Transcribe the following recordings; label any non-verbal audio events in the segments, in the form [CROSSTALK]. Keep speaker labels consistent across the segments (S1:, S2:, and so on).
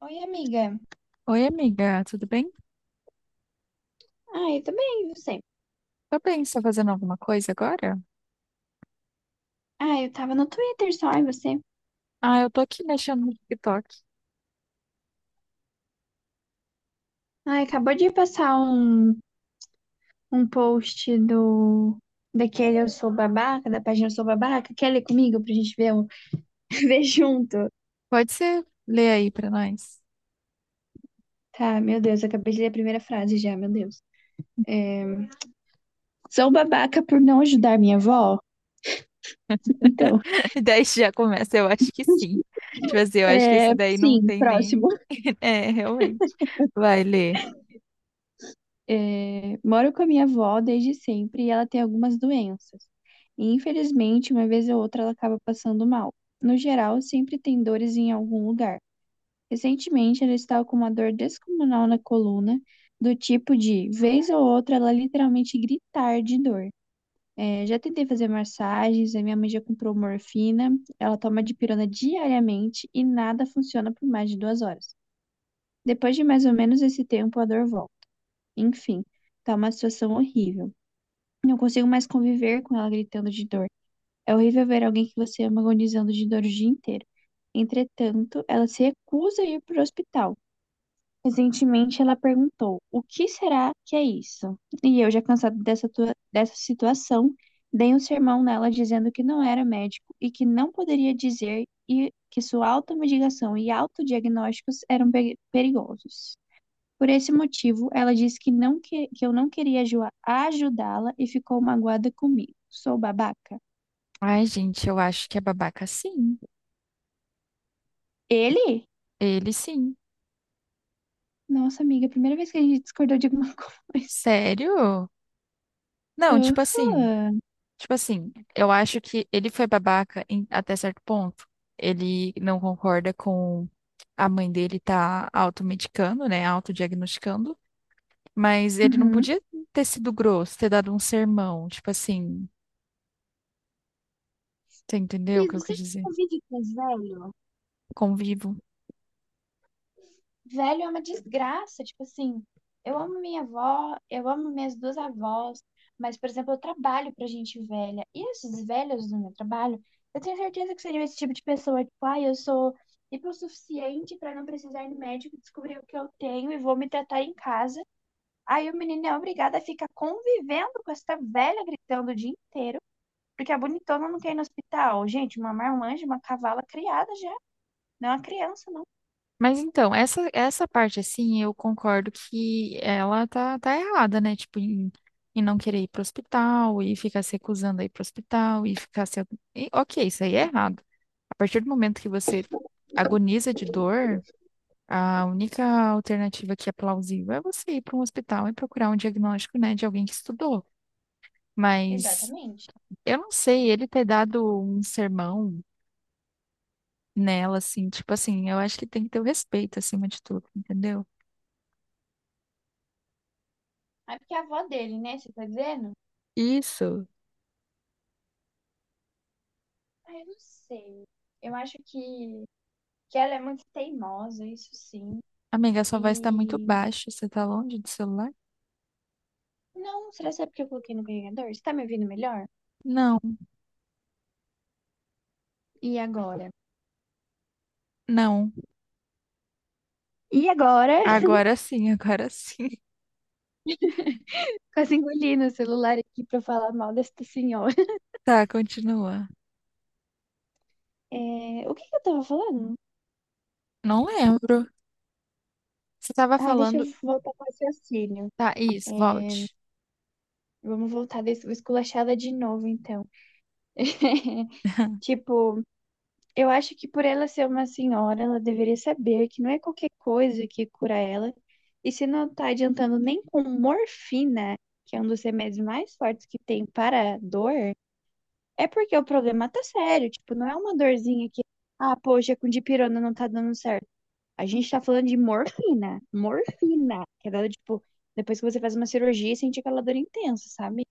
S1: Oi, amiga.
S2: Oi, amiga, tudo bem?
S1: Ah, eu também, e você?
S2: Tá bem, você tá fazendo alguma coisa agora?
S1: Ah, eu tava no Twitter só, e você?
S2: Ah, eu tô aqui mexendo no TikTok.
S1: Ah, acabou de passar um post do daquele Eu Sou Babaca, da página Eu Sou Babaca. Quer ler comigo pra gente ver, [LAUGHS] ver junto?
S2: Pode ser ler aí pra nós?
S1: Tá, meu Deus, eu acabei de ler a primeira frase já, meu Deus. É, sou babaca por não ajudar minha avó? Então,
S2: [LAUGHS] Daí já começa, eu acho que sim. Tipo assim, eu acho que
S1: é,
S2: esse daí não
S1: sim,
S2: tem nem.
S1: próximo.
S2: [LAUGHS] É, realmente. Vai ler.
S1: É, moro com a minha avó desde sempre e ela tem algumas doenças. E infelizmente, uma vez ou outra, ela acaba passando mal. No geral, sempre tem dores em algum lugar. Recentemente, ela estava com uma dor descomunal na coluna, do tipo de, vez ou outra, ela literalmente gritar de dor. É, já tentei fazer massagens, a minha mãe já comprou morfina, ela toma dipirona diariamente e nada funciona por mais de 2 horas. Depois de mais ou menos esse tempo, a dor volta. Enfim, tá uma situação horrível. Não consigo mais conviver com ela gritando de dor. É horrível ver alguém que você ama agonizando de dor o dia inteiro. Entretanto, ela se recusa a ir para o hospital. Recentemente, ela perguntou: o que será que é isso? E eu, já cansado dessa situação, dei um sermão nela dizendo que não era médico e que não poderia dizer e que sua automedicação e autodiagnósticos eram perigosos. Por esse motivo, ela disse que eu não queria ajudá-la e ficou magoada comigo. Sou babaca.
S2: Ai, gente, eu acho que é babaca sim.
S1: Ele?
S2: Ele sim.
S1: Nossa, amiga, primeira vez que a gente discordou de alguma [LAUGHS] coisa.
S2: Sério? Não, tipo assim.
S1: Aham.
S2: Tipo assim, eu acho que ele foi babaca até certo ponto. Ele não concorda com a mãe dele tá automedicando, né? Autodiagnosticando. Mas ele não
S1: Uhum.
S2: podia ter sido grosso, ter dado um sermão. Tipo assim, você entendeu o
S1: Cris,
S2: que eu quis
S1: você
S2: dizer?
S1: convive com os velhos?
S2: Convivo.
S1: Velho é uma desgraça. Tipo assim, eu amo minha avó, eu amo minhas duas avós, mas, por exemplo, eu trabalho pra gente velha. E esses velhos do meu trabalho, eu tenho certeza que seriam esse tipo de pessoa, tipo, ai, eu sou hipossuficiente pra não precisar ir no médico, descobrir o que eu tenho e vou me tratar em casa. Aí o menino é obrigado a ficar convivendo com essa velha gritando o dia inteiro, porque a bonitona não quer ir no hospital. Gente, uma marmanja, uma cavala criada já, não é uma criança, não.
S2: Mas então, essa parte, assim, eu concordo que ela tá errada, né? Tipo, em, em não querer ir pro hospital e ficar se recusando a ir pro hospital e ficar se. E, ok, isso aí é errado. A partir do momento que você agoniza de dor, a única alternativa que é plausível é você ir para um hospital e procurar um diagnóstico, né, de alguém que estudou. Mas
S1: Exatamente.
S2: eu não sei, ele ter dado um sermão nela, assim, tipo assim, eu acho que tem que ter o respeito acima de tudo, entendeu?
S1: Ah, é porque é a avó dele, né? Você tá dizendo?
S2: Isso.
S1: Ah, eu não sei. Eu acho que ela é muito teimosa, isso sim.
S2: Amiga, sua voz tá muito
S1: E.
S2: baixa. Você tá longe do celular?
S1: Não, será que é porque eu coloquei no carregador? Você tá me ouvindo melhor?
S2: Não,
S1: E agora?
S2: não.
S1: E agora? [LAUGHS]
S2: Agora sim, agora sim. [LAUGHS]
S1: Quase engoli no celular aqui pra falar mal desta senhora.
S2: Tá, continua.
S1: É, o que que eu tava falando?
S2: Não lembro. Você tava
S1: Ai, deixa eu
S2: falando.
S1: voltar pro raciocínio.
S2: Tá, isso, volte.
S1: Vamos voltar desse, vou esculachar ela de novo, então. [LAUGHS]
S2: [LAUGHS]
S1: Tipo, eu acho que por ela ser uma senhora, ela deveria saber que não é qualquer coisa que cura ela. E se não tá adiantando nem com morfina, que é um dos remédios mais fortes que tem para dor, é porque o problema tá sério. Tipo, não é uma dorzinha que, ah, poxa, com dipirona não tá dando certo. A gente tá falando de morfina. Morfina. Que é dada, tipo, depois que você faz uma cirurgia, sente aquela dor intensa, sabe?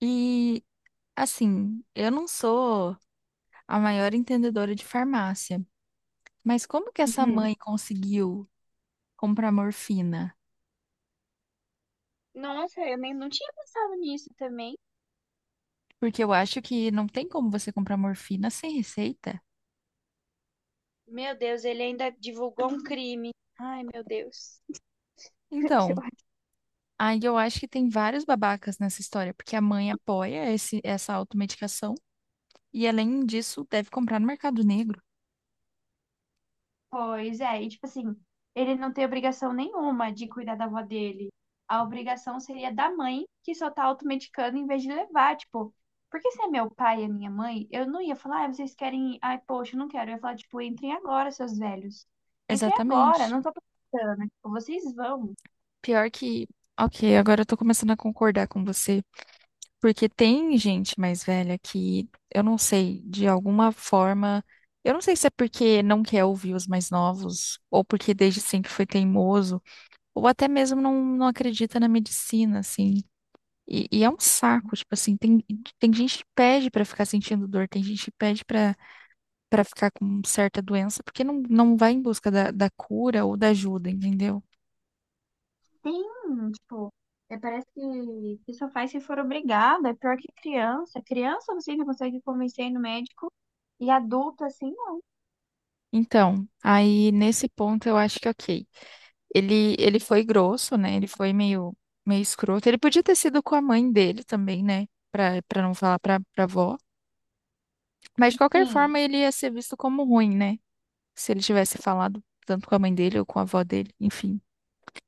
S2: E, assim, eu não sou a maior entendedora de farmácia, mas como que essa
S1: Uhum.
S2: mãe conseguiu comprar morfina?
S1: Nossa, eu nem não tinha pensado nisso também.
S2: Porque eu acho que não tem como você comprar morfina sem receita.
S1: Meu Deus, ele ainda divulgou um crime. Ai, meu Deus. [LAUGHS] Que
S2: Então.
S1: ódio.
S2: Aí eu acho que tem vários babacas nessa história, porque a mãe apoia essa automedicação e, além disso, deve comprar no mercado negro.
S1: Pois é, e tipo assim, ele não tem obrigação nenhuma de cuidar da avó dele. A obrigação seria da mãe, que só tá automedicando em vez de levar, tipo, porque se é meu pai e a minha mãe, eu não ia falar, ah, vocês querem, ir? Ai, poxa, eu não quero. Eu ia falar, tipo, entrem agora, seus velhos. Entrem agora,
S2: Exatamente.
S1: não tô precisando, né? Tipo, vocês vão.
S2: Pior que. Ok, agora eu tô começando a concordar com você, porque tem gente mais velha que, eu não sei, de alguma forma. Eu não sei se é porque não quer ouvir os mais novos, ou porque desde sempre foi teimoso, ou até mesmo não acredita na medicina, assim. E é um saco, tipo assim, tem, tem gente que pede pra ficar sentindo dor, tem gente que pede pra para ficar com certa doença, porque não vai em busca da, da cura ou da ajuda, entendeu?
S1: Sim, tipo, é, parece que só faz se for obrigado. É pior que criança. Criança você ainda consegue convencer a ir no médico e adulto assim não.
S2: Então, aí nesse ponto eu acho que ok. Ele foi grosso, né? Ele foi meio, meio escroto. Ele podia ter sido com a mãe dele também, né? Pra, pra não falar pra, pra avó. Mas de qualquer
S1: Sim,
S2: forma ele ia ser visto como ruim, né? Se ele tivesse falado tanto com a mãe dele ou com a avó dele, enfim.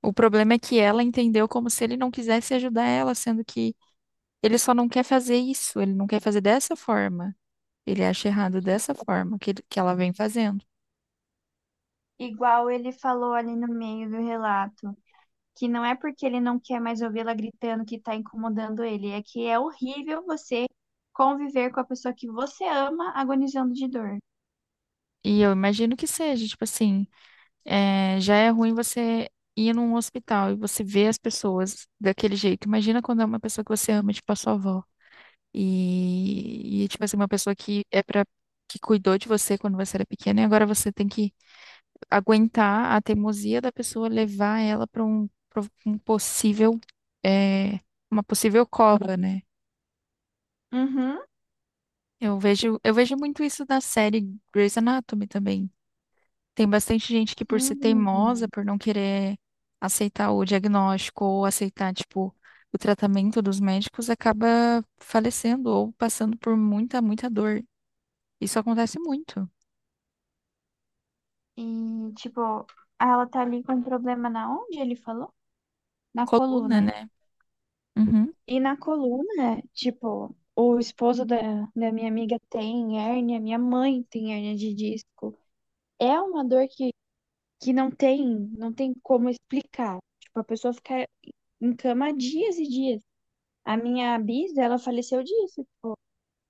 S2: O problema é que ela entendeu como se ele não quisesse ajudar ela, sendo que ele só não quer fazer isso, ele não quer fazer dessa forma. Ele acha errado dessa forma que ela vem fazendo.
S1: igual ele falou ali no meio do relato, que não é porque ele não quer mais ouvi-la gritando que tá incomodando ele, é que é horrível você conviver com a pessoa que você ama agonizando de dor.
S2: E eu imagino que seja, tipo assim, é, já é ruim você ir num hospital e você ver as pessoas daquele jeito. Imagina quando é uma pessoa que você ama, tipo a sua avó. E tipo assim, uma pessoa que é pra, que cuidou de você quando você era pequena e agora você tem que aguentar a teimosia da pessoa levar ela para pra um possível, é, uma possível cova, né?
S1: Uhum,
S2: Eu vejo muito isso na série Grey's Anatomy também. Tem bastante gente que, por ser teimosa,
S1: sim.
S2: por não querer aceitar o diagnóstico ou aceitar, tipo, o tratamento dos médicos, acaba falecendo ou passando por muita, muita dor. Isso acontece muito.
S1: E, tipo, ela tá ali com um problema na onde ele falou? Na
S2: Coluna,
S1: coluna.
S2: né? Uhum.
S1: E na coluna, tipo, o esposo da minha amiga tem hérnia, minha mãe tem hérnia de disco. É uma dor que não tem, não tem como explicar. Tipo, a pessoa fica em cama dias e dias. A minha bisa, ela faleceu disso.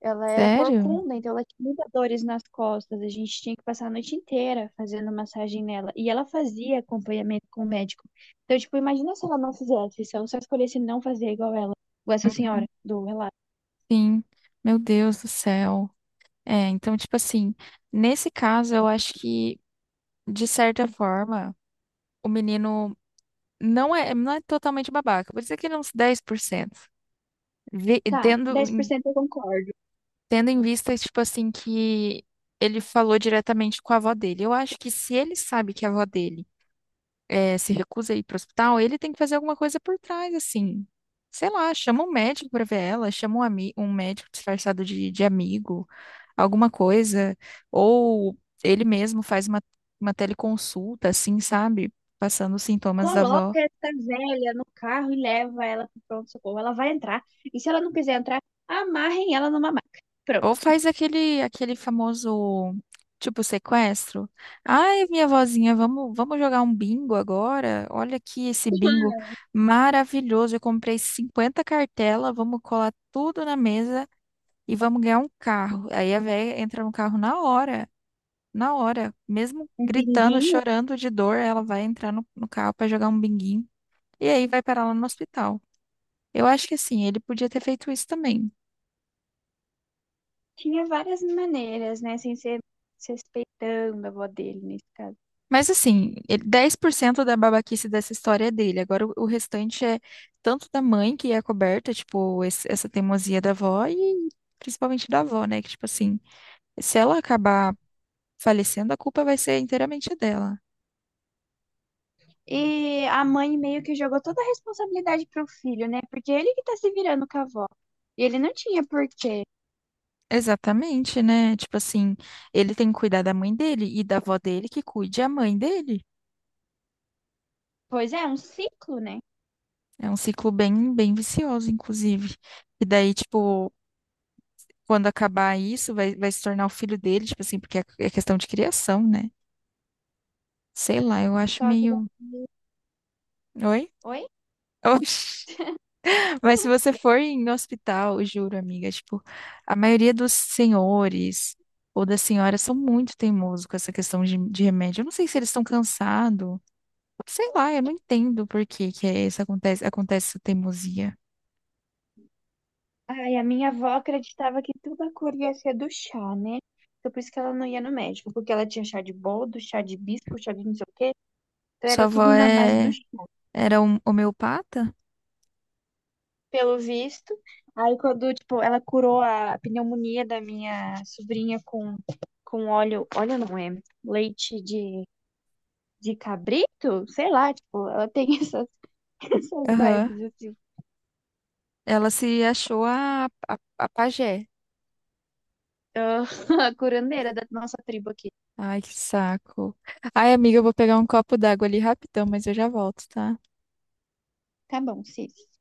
S1: Ela era
S2: Sério?
S1: corcunda, então ela tinha muitas dores nas costas. A gente tinha que passar a noite inteira fazendo massagem nela. E ela fazia acompanhamento com o médico. Então, tipo, imagina se ela não fizesse, se ela só escolhesse não fazer igual ela, igual essa senhora do relato.
S2: Sim. Meu Deus do céu. É, então, tipo assim, nesse caso, eu acho que, de certa forma, o menino não é, não é totalmente babaca. Vou dizer que ele é uns 10%. Vi,
S1: Tá,
S2: tendo,
S1: dez por
S2: em-
S1: cento eu concordo.
S2: tendo em vista, tipo assim, que ele falou diretamente com a avó dele. Eu acho que se ele sabe que a avó dele é, se recusa a ir pro hospital, ele tem que fazer alguma coisa por trás, assim. Sei lá, chama um médico pra ver ela, chama um, ami um médico disfarçado de amigo. Alguma coisa, ou ele mesmo faz uma teleconsulta, assim, sabe? Passando os sintomas da
S1: Coloca
S2: avó.
S1: essa velha no carro e leva ela pro pronto-socorro. Ela vai entrar. E se ela não quiser entrar, amarrem ela numa maca.
S2: Ou
S1: Pronto.
S2: faz aquele, aquele famoso, tipo, sequestro. Ai, minha vozinha, vamos, vamos jogar um bingo agora? Olha aqui esse bingo maravilhoso. Eu comprei 50 cartelas, vamos colar tudo na mesa e vamos ganhar um carro. Aí a véia entra no carro na hora, mesmo
S1: Um
S2: gritando,
S1: binguinho.
S2: chorando de dor, ela vai entrar no carro para jogar um binguinho. E aí vai parar lá no hospital. Eu acho que assim, ele podia ter feito isso também.
S1: Tinha várias maneiras, né? Sem ser se respeitando a avó dele, nesse caso.
S2: Mas assim, 10% da babaquice dessa história é dele. Agora o restante é tanto da mãe que é coberta, tipo, essa teimosia da avó e principalmente da avó, né? Que tipo assim, se ela acabar falecendo, a culpa vai ser inteiramente dela.
S1: E a mãe meio que jogou toda a responsabilidade pro filho, né? Porque ele que tá se virando com a avó. E ele não tinha porquê.
S2: Exatamente, né? Tipo assim, ele tem que cuidar da mãe dele e da avó dele que cuide a mãe dele.
S1: Pois é, um ciclo, né?
S2: É um ciclo bem, bem vicioso, inclusive. E daí, tipo, quando acabar isso, vai, vai se tornar o filho dele, tipo assim, porque é é questão de criação, né? Sei lá, eu acho
S1: Só que.
S2: meio. Oi?
S1: Oi?
S2: Oxi. [LAUGHS] Mas se você for em hospital, eu juro, amiga, tipo, a maioria dos senhores ou das senhoras são muito teimosos com essa questão de remédio. Eu não sei se eles estão cansados. Sei lá, eu não entendo por que que é isso acontece, acontece essa teimosia.
S1: Ai, a minha avó acreditava que tudo a cor ia ser do chá, né? Então por isso que ela não ia no médico, porque ela tinha chá de boldo, chá de hibisco, chá de não sei o quê. Então
S2: Sua
S1: era
S2: avó
S1: tudo na base do
S2: é,
S1: chá,
S2: era um homeopata?
S1: pelo visto. Aí quando, tipo, ela curou a pneumonia da minha sobrinha com óleo, óleo não é, leite de cabrito? Sei lá, tipo, ela tem [LAUGHS] essas, essas
S2: Aham.
S1: vibes, assim.
S2: Ela se achou a pajé.
S1: Ah, [LAUGHS] a curandeira da nossa tribo aqui.
S2: Ai, que saco. Ai, amiga, eu vou pegar um copo d'água ali rapidão, mas eu já volto, tá?
S1: Tá bom, sim.